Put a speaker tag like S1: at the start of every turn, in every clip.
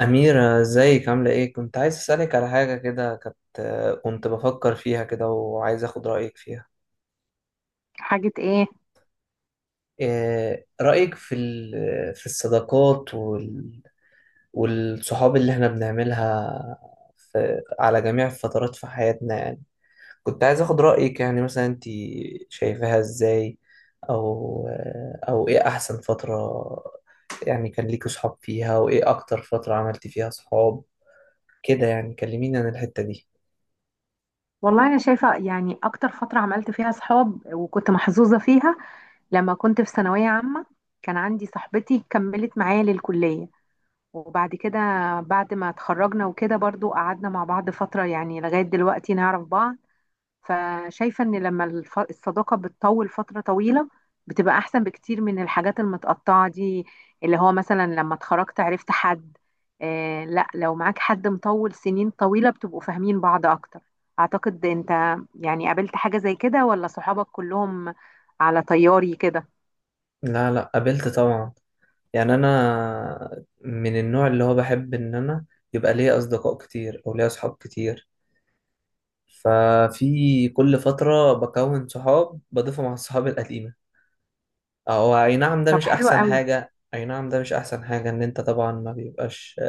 S1: أميرة، ازيك؟ عاملة ايه؟ كنت عايز أسألك على حاجة كده. كنت بفكر فيها كده، وعايز أخد رأيك فيها.
S2: حاجة ايه؟
S1: إيه رأيك في الصداقات والصحاب اللي احنا بنعملها في على جميع الفترات في حياتنا؟ يعني كنت عايز أخد رأيك. يعني مثلا انت شايفاها ازاي؟ أو ايه أحسن فترة يعني كان ليكوا صحاب فيها؟ وإيه أكتر فترة عملتي فيها صحاب كده؟ يعني كلميني عن الحتة دي.
S2: والله انا شايفة يعني اكتر فترة عملت فيها صحاب وكنت محظوظة فيها لما كنت في ثانوية عامة. كان عندي صاحبتي كملت معايا للكلية، وبعد كده بعد ما اتخرجنا وكده برضو قعدنا مع بعض فترة يعني لغاية دلوقتي نعرف بعض. فشايفة ان لما الصداقة بتطول فترة طويلة بتبقى احسن بكتير من الحاجات المتقطعة دي، اللي هو مثلا لما اتخرجت عرفت حد. آه لا، لو معاك حد مطول سنين طويلة بتبقوا فاهمين بعض اكتر. اعتقد انت يعني قابلت حاجة زي كده ولا صحابك كلهم على طياري كده؟
S1: لا، قابلت طبعا. يعني انا من النوع اللي هو بحب ان انا يبقى ليا اصدقاء كتير او ليا صحاب كتير. ففي كل فترة بكون صحاب بضيفهم على الصحاب القديمة. او اي نعم، ده
S2: طب
S1: مش
S2: حلو
S1: احسن
S2: قوي.
S1: حاجة. اي نعم، ده مش احسن حاجة ان انت طبعا ما بيبقاش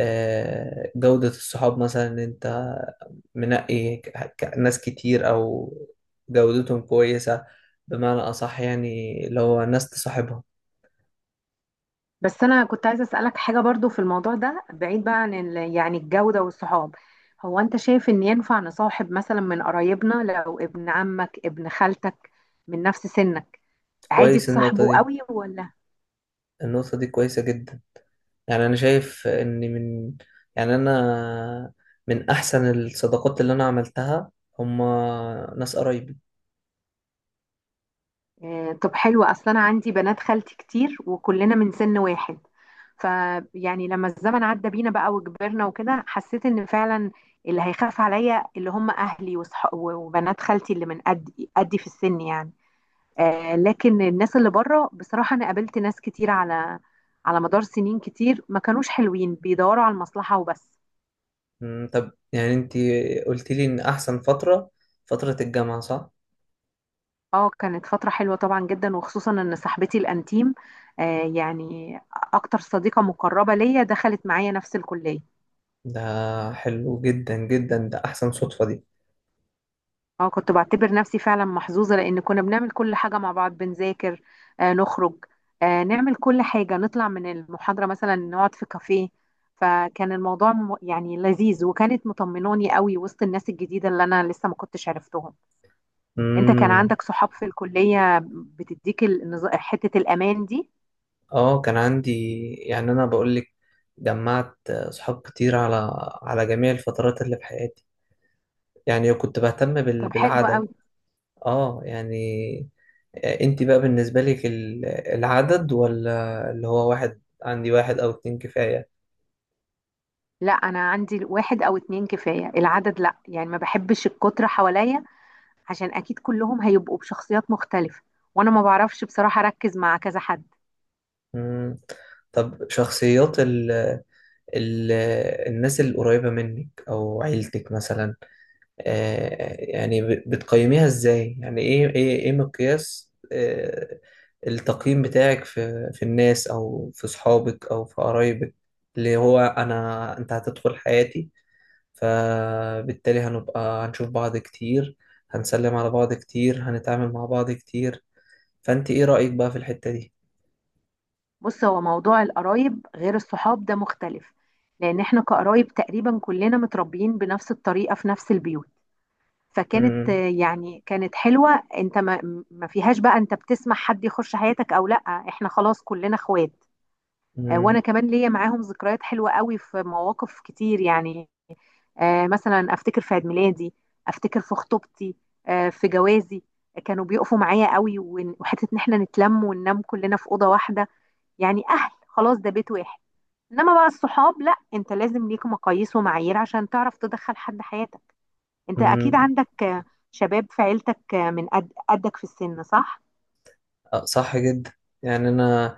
S1: جودة الصحاب. مثلا ان انت منقي ناس كتير، او جودتهم كويسة بمعنى اصح، يعني اللي هو ناس تصاحبها.
S2: بس انا كنت عايزه اسالك حاجه برضو في الموضوع ده، بعيد بقى عن يعني الجوده والصحاب، هو انت شايف ان ينفع نصاحب مثلا من قرايبنا؟ لو ابن عمك ابن خالتك من نفس سنك، عادي
S1: كويس، النقطة
S2: تصاحبه
S1: دي.
S2: قوي ولا؟
S1: النقطة دي كويسة جدا. يعني أنا شايف إن يعني أنا من أحسن الصداقات اللي أنا عملتها، هما ناس قرايبي.
S2: آه طب حلو، اصلا انا عندي بنات خالتي كتير وكلنا من سن واحد. فيعني لما الزمن عدى بينا بقى وكبرنا وكده، حسيت ان فعلا اللي هيخاف عليا اللي هم اهلي وصح وبنات خالتي اللي من قد قدي في السن يعني. آه، لكن الناس اللي بره بصراحة أنا قابلت ناس كتير على على مدار سنين كتير ما كانوش حلوين، بيدوروا على المصلحة وبس.
S1: أمم، طب يعني أنتي قلت لي إن أحسن فترة فترة الجامعة، صح؟
S2: اه كانت فترة حلوة طبعا جدا، وخصوصا ان صاحبتي الانتيم، آه يعني اكتر صديقة مقربة ليا، دخلت معايا نفس الكلية.
S1: ده حلو جدا جدا، ده أحسن صدفة دي.
S2: اه كنت بعتبر نفسي فعلا محظوظة، لأن كنا بنعمل كل حاجة مع بعض، بنذاكر، آه نخرج، آه نعمل كل حاجة، نطلع من المحاضرة مثلا نقعد في كافيه. فكان الموضوع يعني لذيذ، وكانت مطمناني قوي وسط الناس الجديدة اللي أنا لسه ما كنتش عرفتهم. أنت كان
S1: أمم،
S2: عندك صحاب في الكلية بتديك حتة الأمان دي؟
S1: آه كان عندي. يعني أنا بقول لك، جمعت صحاب كتير على على جميع الفترات اللي في حياتي. يعني كنت بهتم
S2: طب حلو
S1: بالعدد.
S2: قوي.
S1: آه يعني، آه، انت بقى بالنسبة لك العدد، ولا اللي هو واحد؟ عندي واحد او اتنين كفاية.
S2: لا أنا عندي واحد أو اتنين كفاية، العدد لا يعني ما بحبش الكترة حواليا، عشان اكيد كلهم هيبقوا بشخصيات مختلفة، وانا ما بعرفش بصراحة اركز مع كذا حد.
S1: مم. طب شخصيات ال ال الناس القريبة منك او عيلتك مثلا، آه، يعني بتقيميها ازاي؟ يعني ايه ايه مقياس آه، التقييم بتاعك في في الناس او في صحابك او في قرايبك؟ اللي هو انا انت هتدخل حياتي، فبالتالي هنبقى هنشوف بعض كتير، هنسلم على بعض كتير، هنتعامل مع بعض كتير. فأنت إيه رأيك بقى في الحتة دي؟
S2: بص هو موضوع القرايب غير الصحاب ده، مختلف، لان احنا كقرايب تقريبا كلنا متربيين بنفس الطريقة في نفس البيوت. فكانت
S1: مم.
S2: آه، يعني كانت حلوة، انت ما فيهاش بقى انت بتسمح حد يخش حياتك او لا. احنا خلاص كلنا اخوات. آه، وانا
S1: مم.
S2: كمان ليا معاهم ذكريات حلوة قوي في مواقف كتير يعني. آه، مثلا افتكر في عيد ميلادي، افتكر في خطوبتي، آه، في جوازي. آه، كانوا بيقفوا معايا قوي، وحته ان احنا نتلم وننام كلنا في اوضه واحده، يعني اهل خلاص ده بيت واحد. انما بقى الصحاب لا، انت لازم ليك مقاييس ومعايير عشان تعرف تدخل حد حياتك. انت اكيد
S1: مم.
S2: عندك آه، شباب في عيلتك آه، من قد قدك في السن صح؟
S1: آه، صح جدا. يعني أنا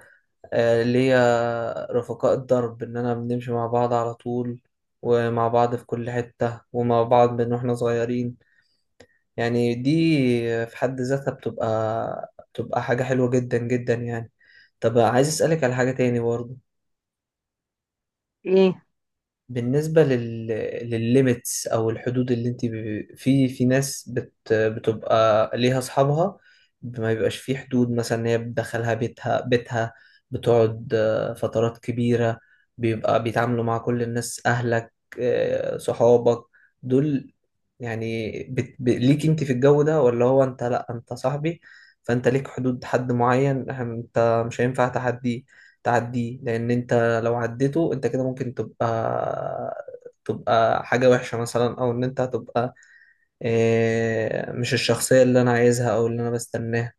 S1: آه، ليا رفقاء الدرب، إن أنا بنمشي مع بعض على طول، ومع بعض في كل حتة، ومع بعض من واحنا صغيرين. يعني دي في حد ذاتها بتبقى حاجة حلوة جدا جدا يعني. طب عايز أسألك على حاجة تاني برضه.
S2: ايه،
S1: بالنسبة للليميتس أو الحدود اللي أنت ب...، في في ناس بتبقى ليها أصحابها. ما بيبقاش في حدود مثلا، إن هي بتدخلها بيتها بيتها، بتقعد آه، فترات كبيرة، بيبقى بيتعاملوا مع كل الناس، أهلك آه، صحابك دول. يعني ليك أنت في الجو ده، ولا هو أنت لأ أنت صاحبي؟ فأنت ليك حدود، حد معين أنت مش هينفع تعديه. لأن أنت لو عديته انت كده ممكن تبقى حاجة وحشة مثلا، او ان انت هتبقى آه، مش الشخصية اللي انا عايزها او اللي انا بستناها.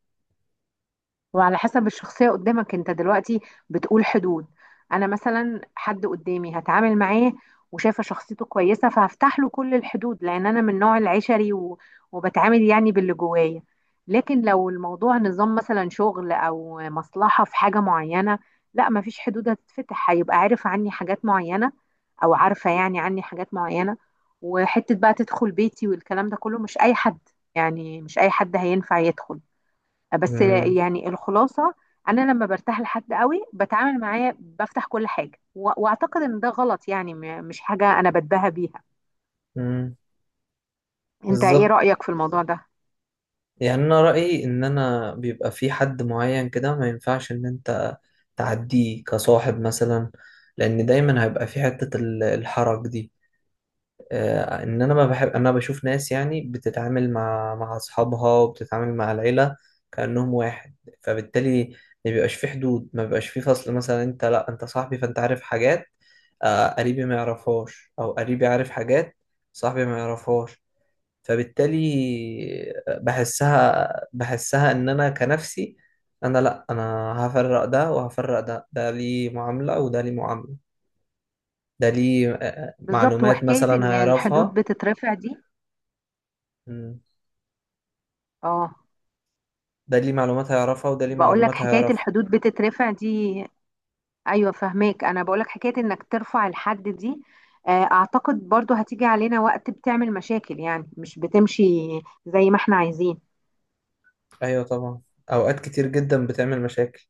S2: وعلى حسب الشخصية قدامك. انت دلوقتي بتقول حدود. انا مثلا حد قدامي هتعامل معاه وشايفة شخصيته كويسة، فهفتح له كل الحدود، لان انا من نوع العشري و وبتعامل يعني باللي جوايا. لكن لو الموضوع نظام مثلا شغل او مصلحة في حاجة معينة، لا مفيش حدود هتتفتح، هيبقى عارف عني حاجات معينة او عارفة يعني عني حاجات معينة. وحتة بقى تدخل بيتي والكلام ده كله مش اي حد، يعني مش اي حد هينفع يدخل. بس
S1: مم،
S2: يعني الخلاصة، أنا لما برتاح لحد قوي بتعامل معاه بفتح كل حاجة، وأعتقد إن ده غلط، يعني مش حاجة أنا بتباهى بيها.
S1: مم،
S2: أنت إيه
S1: بالظبط.
S2: رأيك في الموضوع ده؟
S1: يعني انا رأيي ان انا بيبقى في حد معين كده ما ينفعش ان انت تعديه كصاحب مثلا. لان دايما هيبقى في حتة الحرج دي، آه، ان انا ما بحب، انا بشوف ناس يعني بتتعامل مع مع اصحابها وبتتعامل مع العيله كانهم واحد. فبالتالي ما بيبقاش في حدود، ما بيبقاش في فصل مثلا، انت لا انت صاحبي فانت عارف حاجات آه، قريبي ما يعرفهاش، او قريبي عارف حاجات صاحبي ما يعرفهاش. فبالتالي بحسها بحسها ان انا كنفسي، انا لا انا هفرق ده وهفرق ده، ده ليه معامله وده ليه معامله، ده ليه آه،
S2: بالظبط.
S1: معلومات
S2: وحكاية
S1: مثلا
S2: إن الحدود
S1: هيعرفها،
S2: بتترفع دي، آه.
S1: ده ليه معلومات هيعرفها، وده ليه
S2: بقول لك
S1: معلومات
S2: حكاية
S1: هيعرفها.
S2: الحدود بتترفع دي، أيوة فهماك. أنا بقول لك حكاية إنك ترفع الحد دي، آه، أعتقد برضو هتيجي علينا وقت بتعمل مشاكل، يعني مش بتمشي زي ما إحنا عايزين.
S1: ايوه طبعا، اوقات كتير جدا بتعمل مشاكل.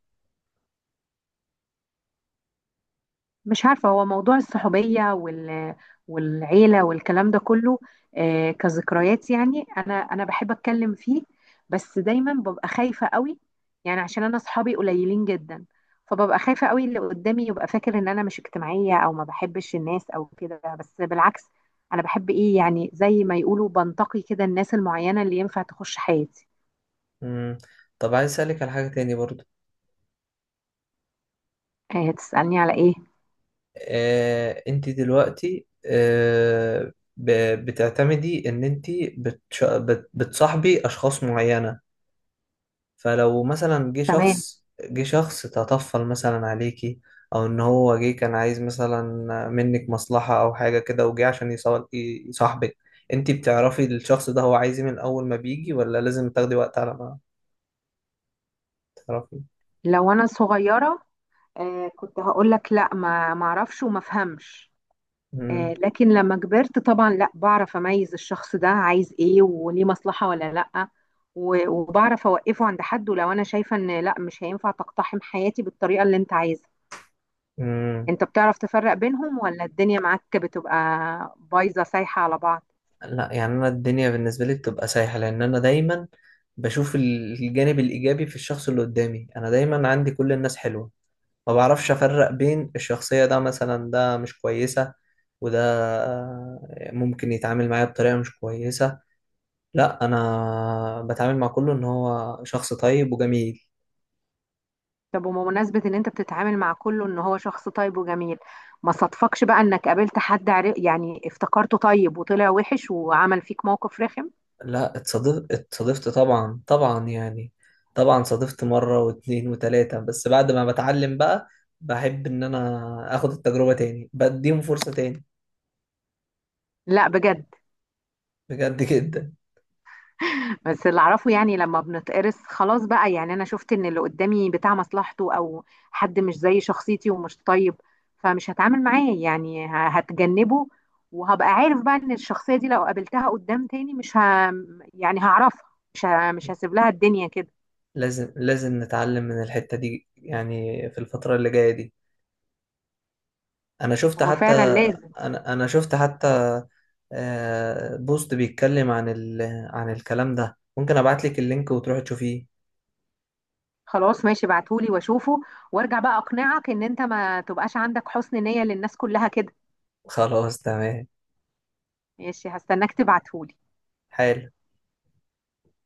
S2: مش عارفة، هو موضوع الصحوبية وال والعيلة والكلام ده كله، آه، كذكريات يعني أنا أنا بحب أتكلم فيه. بس دايما ببقى خايفة قوي، يعني عشان أنا أصحابي قليلين جدا، فببقى خايفة قوي اللي قدامي يبقى فاكر إن أنا مش اجتماعية أو ما بحبش الناس أو كده، بس بالعكس أنا بحب إيه يعني زي ما يقولوا بنتقي كده الناس المعينة اللي ينفع تخش حياتي.
S1: مم. طب عايز اسالك على حاجه تاني برضو.
S2: آه، تسألني على إيه؟
S1: آه، انت دلوقتي آه، بتعتمدي ان انت بتصاحبي اشخاص معينه. فلو مثلا جه
S2: تمام.
S1: شخص جه شخص تطفل مثلا عليكي، او ان هو جه كان عايز مثلا منك مصلحة او حاجة كده، وجه عشان يصاحبك، انتي بتعرفي الشخص ده هو عايز إيه من اول ما بيجي، ولا لازم تاخدي وقت على ما تعرفي؟
S2: لو أنا صغيرة آه، كنت هقول لك لا ما اعرفش وما افهمش. آه،
S1: مم.
S2: لكن لما كبرت طبعا لا، بعرف اميز الشخص ده عايز ايه وليه مصلحة ولا لا، وبعرف اوقفه عند حد ولو انا شايفة ان لا مش هينفع تقتحم حياتي بالطريقة اللي انت عايزها.
S1: مم.
S2: انت بتعرف تفرق بينهم ولا الدنيا معاك بتبقى بايظة سايحة على بعض؟
S1: لا، يعني انا الدنيا بالنسبة لي بتبقى سايحة، لان انا دايما بشوف الجانب الايجابي في الشخص اللي قدامي. انا دايما عندي كل الناس حلوة. ما بعرفش افرق بين الشخصية، ده مثلا ده مش كويسة، وده ممكن يتعامل معايا بطريقة مش كويسة. لا، انا بتعامل مع كله ان هو شخص طيب وجميل.
S2: طب وبمناسبة ان انت بتتعامل مع كله ان هو شخص طيب وجميل، ما صدفكش بقى انك قابلت حد يعني افتكرته طيب وطلع وحش وعمل فيك موقف رخم؟
S1: لا اتصادفت طبعا طبعا يعني. طبعا صادفت مرة واتنين وتلاتة، بس بعد ما بتعلم بقى، بحب ان انا اخد التجربة تاني، بديهم فرصة تاني.
S2: لا بجد.
S1: بجد جدا.
S2: بس اللي اعرفه يعني لما بنتقرص خلاص بقى، يعني انا شفت ان اللي قدامي بتاع مصلحته او حد مش زي شخصيتي ومش طيب، فمش هتعامل معاه، يعني هتجنبه، وهبقى عارف بقى ان الشخصية دي لو قابلتها قدام تاني مش يعني هعرفها، مش هسيب لها الدنيا كده.
S1: لازم لازم نتعلم من الحتة دي، يعني في الفترة اللي جاية دي. انا شفت
S2: هو
S1: حتى
S2: فعلا لازم.
S1: انا شفت حتى آه، بوست بيتكلم عن عن الكلام ده. ممكن ابعت لك اللينك وتروح تشوفيه.
S2: خلاص ماشي، ابعتهولي واشوفه، وارجع بقى اقنعك ان انت ما تبقاش عندك حسن نية للناس كلها كده.
S1: خلاص تمام.
S2: ماشي هستناك تبعتهولي.
S1: حلو.